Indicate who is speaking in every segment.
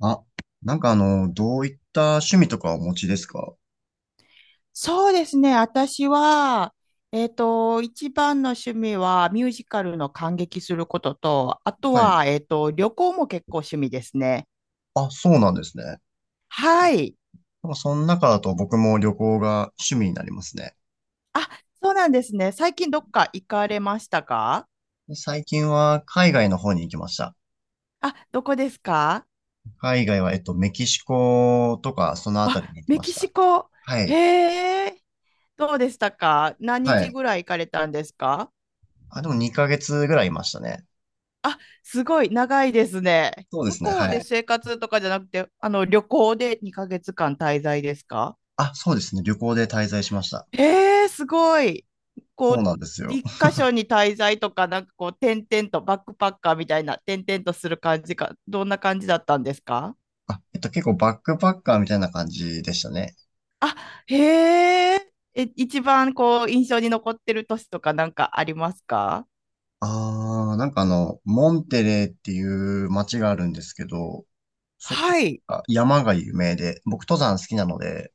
Speaker 1: あ、どういった趣味とかお持ちですか？
Speaker 2: そうですね。私は、一番の趣味はミュージカルの観劇することと、あと
Speaker 1: はい。
Speaker 2: は、旅行も結構趣味ですね。
Speaker 1: あ、そうなんですね。な
Speaker 2: はい。
Speaker 1: んかその中だと僕も旅行が趣味になりますね。
Speaker 2: あ、そうなんですね。最近どっか行かれましたか？
Speaker 1: で最近は海外の方に行きました。
Speaker 2: あ、どこですか？
Speaker 1: 海外は、メキシコとか、そのあたりに
Speaker 2: あ、
Speaker 1: 行き
Speaker 2: メ
Speaker 1: まし
Speaker 2: キシ
Speaker 1: た。
Speaker 2: コ。
Speaker 1: は
Speaker 2: へ
Speaker 1: い。
Speaker 2: え、どうでしたか？何
Speaker 1: は
Speaker 2: 日
Speaker 1: い。
Speaker 2: ぐらい行かれたんですか？
Speaker 1: あ、でも2ヶ月ぐらいいましたね。
Speaker 2: すごい長いですね。
Speaker 1: そうで
Speaker 2: 向
Speaker 1: すね、
Speaker 2: こう
Speaker 1: は
Speaker 2: で
Speaker 1: い。
Speaker 2: 生活とかじゃなくて、あの、旅行で2ヶ月間滞在ですか？
Speaker 1: あ、そうですね。旅行で滞在しました。
Speaker 2: えー、すごい。こ
Speaker 1: そう
Speaker 2: う、
Speaker 1: なんですよ。
Speaker 2: 一箇所に滞在とか、なんかこう、転々と、バックパッカーみたいな、転々とする感じか、どんな感じだったんですか？
Speaker 1: あ、結構バックパッカーみたいな感じでしたね。
Speaker 2: あ、へえ、え、一番こう、印象に残ってる都市とかなんかありますか？
Speaker 1: ああ、モンテレーっていう街があるんですけど、そこ
Speaker 2: はい、
Speaker 1: が山が有名で、僕登山好きなので、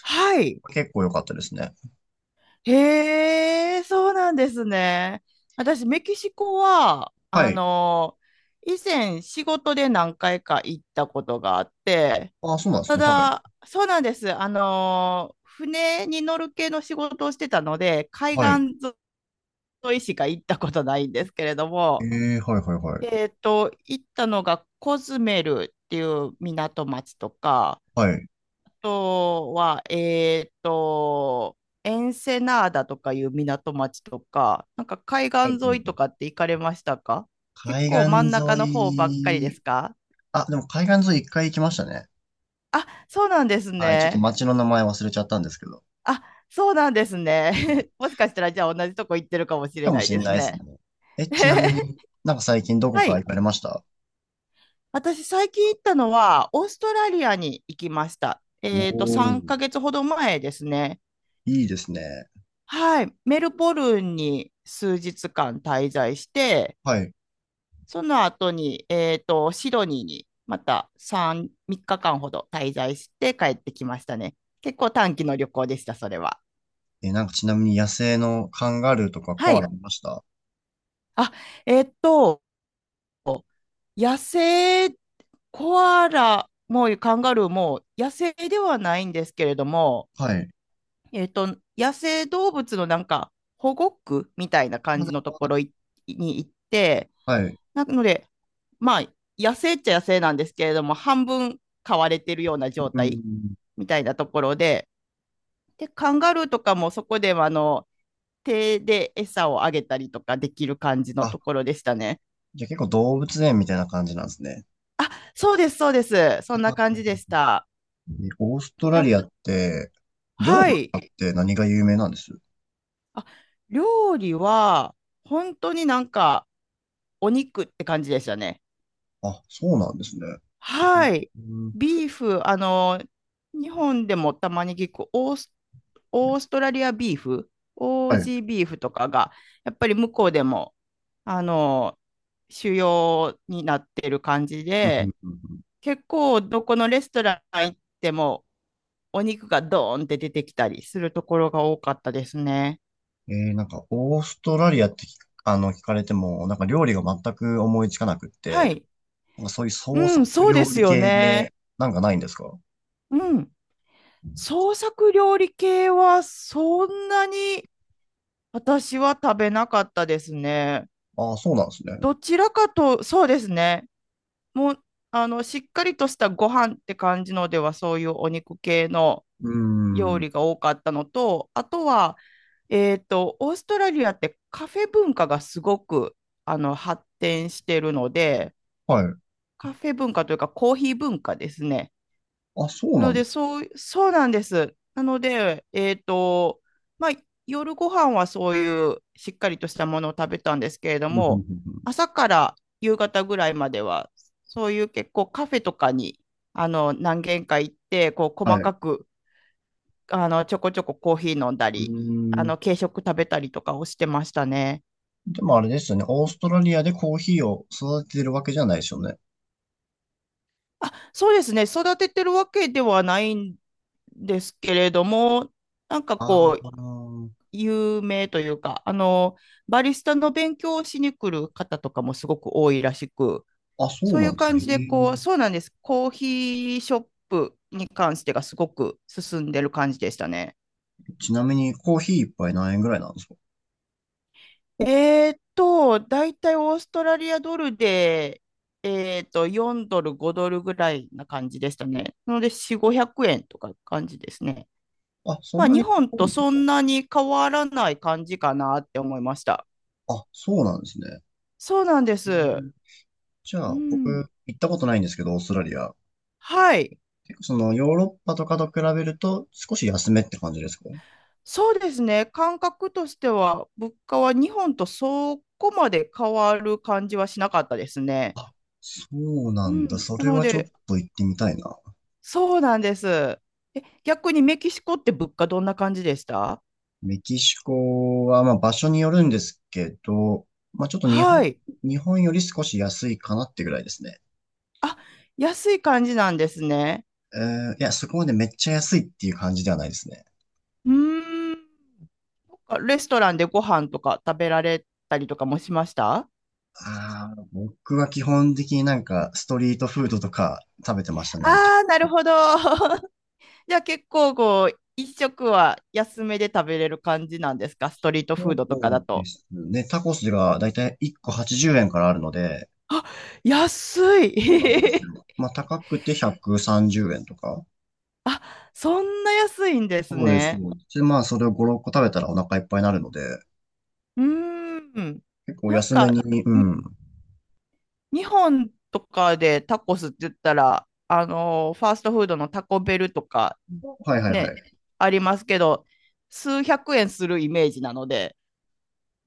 Speaker 2: はい。
Speaker 1: 結構良かったですね。
Speaker 2: へえ、そうなんですね。私、メキシコは、
Speaker 1: は
Speaker 2: あ
Speaker 1: い。
Speaker 2: の、以前仕事で何回か行ったことがあって、
Speaker 1: ああ、そうなんです
Speaker 2: た
Speaker 1: ね。はい。
Speaker 2: だ、そうなんです。船に乗る系の仕事をしてたので、海
Speaker 1: はい。
Speaker 2: 岸沿いしか行ったことないんですけれど
Speaker 1: え
Speaker 2: も、
Speaker 1: え、はいはいはい。
Speaker 2: 行ったのがコズメルっていう港町とか、
Speaker 1: はい。
Speaker 2: あとは、エンセナーダとかいう港町とか、なんか海
Speaker 1: はい。
Speaker 2: 岸沿いとかって行かれましたか？結
Speaker 1: 海
Speaker 2: 構真
Speaker 1: 岸
Speaker 2: ん中
Speaker 1: 沿
Speaker 2: の方ばっかりで
Speaker 1: い、
Speaker 2: すか？
Speaker 1: あ、でも海岸沿い一回行きましたね。
Speaker 2: あ、そうなんです
Speaker 1: はい。ちょっと
Speaker 2: ね。
Speaker 1: 街の名前忘れちゃったんですけど。
Speaker 2: あ、そうなんですね。
Speaker 1: はい、
Speaker 2: もしかしたら、じゃあ同じとこ行ってるかもしれ
Speaker 1: かも
Speaker 2: ない
Speaker 1: しれ
Speaker 2: です
Speaker 1: ないですね。
Speaker 2: ね。
Speaker 1: え、ちなみに なんか最近どこ
Speaker 2: は
Speaker 1: か行
Speaker 2: い。
Speaker 1: かれました？
Speaker 2: 私、最近行ったのは、オーストラリアに行きました。
Speaker 1: お、お
Speaker 2: 3
Speaker 1: ー。
Speaker 2: ヶ月ほど前ですね。
Speaker 1: いいですね。
Speaker 2: はい。メルボルンに数日間滞在して、
Speaker 1: はい。
Speaker 2: その後に、シドニーにまた3日間ほど滞在して帰ってきましたね。結構短期の旅行でした、それは。
Speaker 1: え、なんかちなみに野生のカンガルーとか
Speaker 2: は
Speaker 1: コアラ
Speaker 2: い。
Speaker 1: いました？
Speaker 2: あ、えっと、野生コアラもカンガルーも野生ではないんですけれども、
Speaker 1: はい。
Speaker 2: 野生動物のなんか保護区みたいな
Speaker 1: ま
Speaker 2: 感
Speaker 1: だ、
Speaker 2: じのところに行って、
Speaker 1: はい。
Speaker 2: なので、まあ、野生っちゃ野生なんですけれども、半分飼われてるような状
Speaker 1: う
Speaker 2: 態
Speaker 1: ん。
Speaker 2: みたいなところで、で、カンガルーとかもそこでは手で餌をあげたりとかできる感じの
Speaker 1: あ、
Speaker 2: ところでしたね。
Speaker 1: じゃあ結構動物園みたいな感じなんですね。
Speaker 2: あ、そうです、そうです。そんな感じでし
Speaker 1: え、
Speaker 2: た。
Speaker 1: オーストラ
Speaker 2: だ
Speaker 1: リアって、料
Speaker 2: は
Speaker 1: 理と
Speaker 2: い。
Speaker 1: かって何が有名なんです？
Speaker 2: あ、料理は、本当になんか、お肉って感じでしたね。
Speaker 1: あ、そうなんですね。
Speaker 2: はい。
Speaker 1: うん、
Speaker 2: ビーフ、あの、日本でもたまに聞くオーストラリアビーフ、オー
Speaker 1: はい。う
Speaker 2: ジ
Speaker 1: ん。
Speaker 2: ービーフとかが、やっぱり向こうでも、あの、主要になってる感じで、結構どこのレストラン行っても、お肉がドーンって出てきたりするところが多かったですね。
Speaker 1: えー、なんか、オーストラリアって聞く、あの、聞かれても、なんか料理が全く思いつかなくっ
Speaker 2: は
Speaker 1: て、
Speaker 2: い。
Speaker 1: なんかそういう創
Speaker 2: う
Speaker 1: 作
Speaker 2: ん、そう
Speaker 1: 料
Speaker 2: です
Speaker 1: 理
Speaker 2: よ
Speaker 1: 系
Speaker 2: ね。
Speaker 1: で、なんかないんですか？
Speaker 2: うん。創作料理系はそんなに私は食べなかったですね。
Speaker 1: ああー、そうなんですね。
Speaker 2: どちらかと、そうですね。もう、あの、しっかりとしたご飯って感じのでは、そういうお肉系の
Speaker 1: う
Speaker 2: 料
Speaker 1: ーん。
Speaker 2: 理が多かったのと、あとは、オーストラリアってカフェ文化がすごく、あの、発展しているので、
Speaker 1: はい。
Speaker 2: カフェ文化というかコーヒー文化ですね。
Speaker 1: あ、そう
Speaker 2: な
Speaker 1: な
Speaker 2: の
Speaker 1: んで
Speaker 2: で、
Speaker 1: す。
Speaker 2: そう、そうなんです。なので、まあ、夜ご飯はそういうしっかりとしたものを食べたんですけれど
Speaker 1: うんうん
Speaker 2: も、
Speaker 1: うん。
Speaker 2: 朝から夕方ぐらいまでは、そういう結構カフェとかに、あの、何軒か行って、こう、
Speaker 1: うん、は
Speaker 2: 細
Speaker 1: い。う
Speaker 2: かく、あの、ちょこちょこコーヒー飲んだ
Speaker 1: ー
Speaker 2: り、あ
Speaker 1: ん。
Speaker 2: の、軽食食べたりとかをしてましたね。
Speaker 1: でもあれですよね。オーストラリアでコーヒーを育ててるわけじゃないですよね。
Speaker 2: あ、そうですね。育ててるわけではないんですけれども、なんか
Speaker 1: あ
Speaker 2: こう、
Speaker 1: あ。
Speaker 2: 有名というか、あの、バリスタの勉強をしに来る方とかもすごく多いらしく、
Speaker 1: あ、そう
Speaker 2: そうい
Speaker 1: な
Speaker 2: う
Speaker 1: んです
Speaker 2: 感
Speaker 1: ね。
Speaker 2: じで、
Speaker 1: へ
Speaker 2: こう、そうなんです。コーヒーショップに関してがすごく進んでる感じでしたね。
Speaker 1: え。ちなみにコーヒー一杯何円ぐらいなんですか？
Speaker 2: だいたいオーストラリアドルで、4ドル、5ドルぐらいな感じでしたね。なので、4、500円とか感じですね。
Speaker 1: あ、そ
Speaker 2: ま
Speaker 1: ん
Speaker 2: あ、
Speaker 1: な
Speaker 2: 日
Speaker 1: に日
Speaker 2: 本と
Speaker 1: 本と
Speaker 2: そ
Speaker 1: か。
Speaker 2: んなに変わらない感じかなって思いました。
Speaker 1: あ、そうなんですね。
Speaker 2: そうなんで
Speaker 1: へ
Speaker 2: す。
Speaker 1: え。じゃ
Speaker 2: う
Speaker 1: あ、僕、
Speaker 2: ん。
Speaker 1: 行ったことないんですけど、オーストラリア。
Speaker 2: はい。
Speaker 1: 結構その、ヨーロッパとかと比べると、少し安めって感じですか？
Speaker 2: そうですね。感覚としては、物価は日本とそこまで変わる感じはしなかったですね。
Speaker 1: あ、そう
Speaker 2: う
Speaker 1: なんだ。
Speaker 2: ん。
Speaker 1: そ
Speaker 2: な
Speaker 1: れ
Speaker 2: の
Speaker 1: はちょっ
Speaker 2: で、
Speaker 1: と行ってみたいな。
Speaker 2: そうなんです。え、逆にメキシコって物価どんな感じでした？
Speaker 1: メキシコは、まあ、場所によるんですけど、まあ、ちょっと日本、
Speaker 2: はい。
Speaker 1: より少し安いかなってぐらいですね。
Speaker 2: あ、安い感じなんですね。
Speaker 1: えー、いや、そこまでめっちゃ安いっていう感じではないですね。
Speaker 2: うーん。レストランでご飯とか食べられたりとかもしました？
Speaker 1: ああ、僕は基本的になんかストリートフードとか食べてましたね。あのタ
Speaker 2: ああー、なるほど。じゃあ結構こう、一食は安めで食べれる感じなんですか？ストリートフードとか
Speaker 1: コ
Speaker 2: だ
Speaker 1: で
Speaker 2: と。
Speaker 1: すね。タコスがだいたい1個80円からあるので、
Speaker 2: あ、安い。
Speaker 1: そうな
Speaker 2: へ
Speaker 1: んです
Speaker 2: へ。
Speaker 1: よ。まあ、高くて130円とか。
Speaker 2: あ、そんな安いんです
Speaker 1: そうです、
Speaker 2: ね。
Speaker 1: そうです。で、まあ、それを5、6個食べたらお腹いっぱいになるので、
Speaker 2: うーん。
Speaker 1: 結構
Speaker 2: なん
Speaker 1: 安め
Speaker 2: か、
Speaker 1: に、う
Speaker 2: に
Speaker 1: ん。
Speaker 2: 日本とかでタコスって言ったら、ファーストフードのタコベルとか、
Speaker 1: はいはいは
Speaker 2: ね、
Speaker 1: い。
Speaker 2: ありますけど、数百円するイメージなので、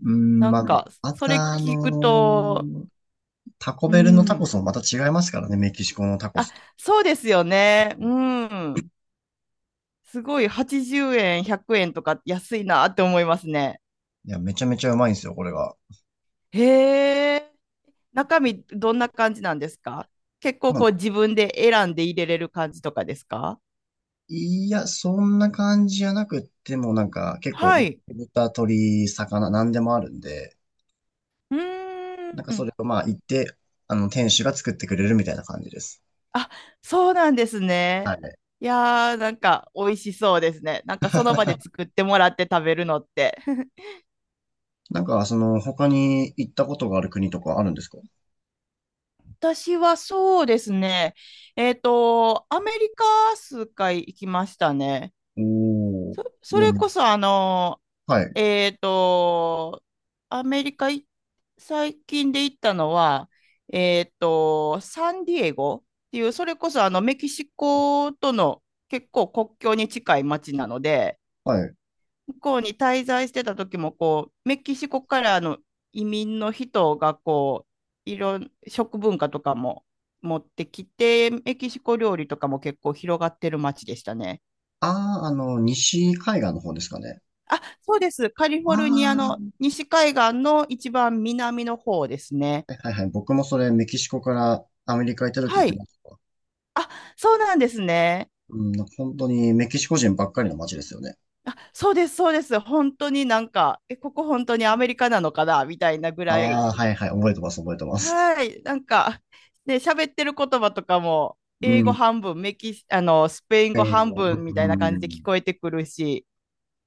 Speaker 1: うん、
Speaker 2: な
Speaker 1: まあ、
Speaker 2: ん
Speaker 1: まあ、
Speaker 2: か、
Speaker 1: ま
Speaker 2: それ
Speaker 1: た、あ
Speaker 2: 聞く
Speaker 1: の
Speaker 2: と、
Speaker 1: ー、タコ
Speaker 2: う
Speaker 1: ベルのタコ
Speaker 2: ん。
Speaker 1: スもまた違いますからね、メキシコのタコ
Speaker 2: あ、
Speaker 1: スと。
Speaker 2: そうですよね。うん。すごい80円、100円とか安いなって思いますね。
Speaker 1: いや、めちゃめちゃうまいんですよ、これが。
Speaker 2: へえ。中身どんな感じなんですか？結構
Speaker 1: まあ、
Speaker 2: こう自分で選んで入れれる感じとかですか？
Speaker 1: いや、そんな感じじゃなくっても、なんか、結構、
Speaker 2: はい。
Speaker 1: 豚、鳥、魚、なんでもあるんで、
Speaker 2: うー
Speaker 1: なんかそ
Speaker 2: ん。
Speaker 1: れをまあ、行って、あの、店主が作ってくれるみたいな感じです。
Speaker 2: あ、そうなんです
Speaker 1: は
Speaker 2: ね。
Speaker 1: い。
Speaker 2: いやー、なんか美味しそうですね。なんかその場で作ってもらって食べるのって。
Speaker 1: なんか、その、他に行ったことがある国とかあるんですか？
Speaker 2: 私はそうですね。アメリカ数回行きましたね。
Speaker 1: おー、
Speaker 2: そ、
Speaker 1: ち
Speaker 2: そ
Speaker 1: な
Speaker 2: れ
Speaker 1: みに。
Speaker 2: こそ
Speaker 1: はい、
Speaker 2: えっと、アメリカい最近で行ったのは、サンディエゴっていう、それこそあのメキシコとの結構国境に近い町なので、
Speaker 1: はい。
Speaker 2: 向こうに滞在してた時もこう、メキシコからの移民の人がこう、いろん、食文化とかも持ってきて、メキシコ料理とかも結構広がってる町でしたね。
Speaker 1: ああ、あの、西海岸の方ですかね。
Speaker 2: あ、そうです。カリフ
Speaker 1: あ
Speaker 2: ォルニアの
Speaker 1: あ、
Speaker 2: 西海岸の一番南の方ですね。
Speaker 1: はいはい。僕もそれメキシコからアメリカ行った時行
Speaker 2: は
Speaker 1: き
Speaker 2: い。
Speaker 1: ました。
Speaker 2: あ、そうなんですね。
Speaker 1: うん、本当にメキシコ人ばっかりの街ですよね。
Speaker 2: あ、そうです、そうです。本当になんか、え、ここ本当にアメリカなのかなみたいなぐらい。
Speaker 1: ああ、はいはい。覚えてます、覚えてます。
Speaker 2: はい。なんか、ね、喋ってる言葉とかも、
Speaker 1: う
Speaker 2: 英語
Speaker 1: ん。
Speaker 2: 半分、メキシ、あの、スペイン語
Speaker 1: えー、
Speaker 2: 半分みたいな感
Speaker 1: う
Speaker 2: じで聞
Speaker 1: ん。
Speaker 2: こえてくるし、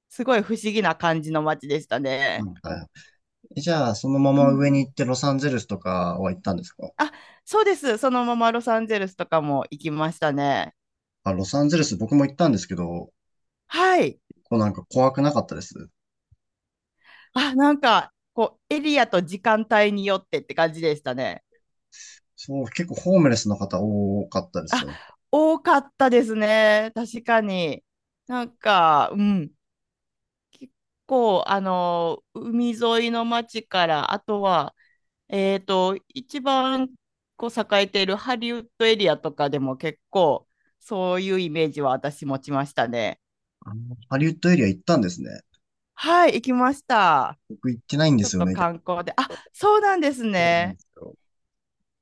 Speaker 2: すごい不思議な感じの街でした
Speaker 1: う
Speaker 2: ね。
Speaker 1: ん、はい。じゃあ、そのま
Speaker 2: う
Speaker 1: ま
Speaker 2: ん。
Speaker 1: 上に行ってロサンゼルスとかは行ったんですか？
Speaker 2: あ、そうです。そのままロサンゼルスとかも行きましたね。
Speaker 1: あ、ロサンゼルス僕も行ったんですけど、
Speaker 2: はい。
Speaker 1: こうなんか怖くなかったです？
Speaker 2: あ、なんか、こう、エリアと時間帯によってって感じでしたね。
Speaker 1: そう、結構ホームレスの方多かったです
Speaker 2: あ、
Speaker 1: よ。
Speaker 2: 多かったですね。確かに。なんか、うん。結構、あの、海沿いの町から、あとは、一番こう栄えているハリウッドエリアとかでも結構、そういうイメージは私持ちましたね。
Speaker 1: あのハリウッドエリア行ったんですね。
Speaker 2: はい、行きました。
Speaker 1: 僕行ってないん
Speaker 2: ち
Speaker 1: で
Speaker 2: ょ
Speaker 1: す
Speaker 2: っ
Speaker 1: よ
Speaker 2: と
Speaker 1: ね。
Speaker 2: 観光で。あ、そうなんです
Speaker 1: そうなん
Speaker 2: ね。
Speaker 1: ですよ。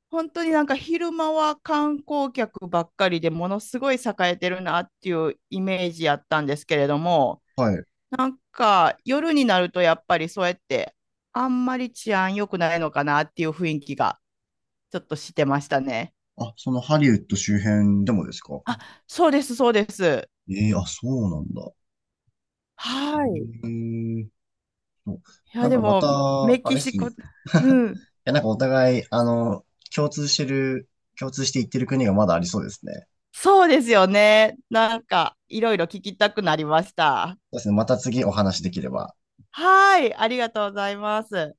Speaker 2: 本当になんか昼間は観光客ばっかりでものすごい栄えてるなっていうイメージやったんですけれども、
Speaker 1: はい。
Speaker 2: なんか夜になるとやっぱりそうやってあんまり治安良くないのかなっていう雰囲気がちょっとしてましたね。
Speaker 1: あ、そのハリウッド周辺でもですか？
Speaker 2: あ、そうです、そうです。
Speaker 1: ええ、あ、そうなんだ。
Speaker 2: はい。い
Speaker 1: ええ、そう、な
Speaker 2: や、
Speaker 1: ん
Speaker 2: で
Speaker 1: かま
Speaker 2: も
Speaker 1: た、
Speaker 2: メ
Speaker 1: あ
Speaker 2: キ
Speaker 1: れっ
Speaker 2: シ
Speaker 1: すね。い
Speaker 2: コ、うん、
Speaker 1: や、なんかお互い、あの、共通してる、共通して言ってる国がまだありそうですね。そ
Speaker 2: そうですよね。なんかいろいろ聞きたくなりました。
Speaker 1: うですね。また次お話できれば。
Speaker 2: はい、ありがとうございます。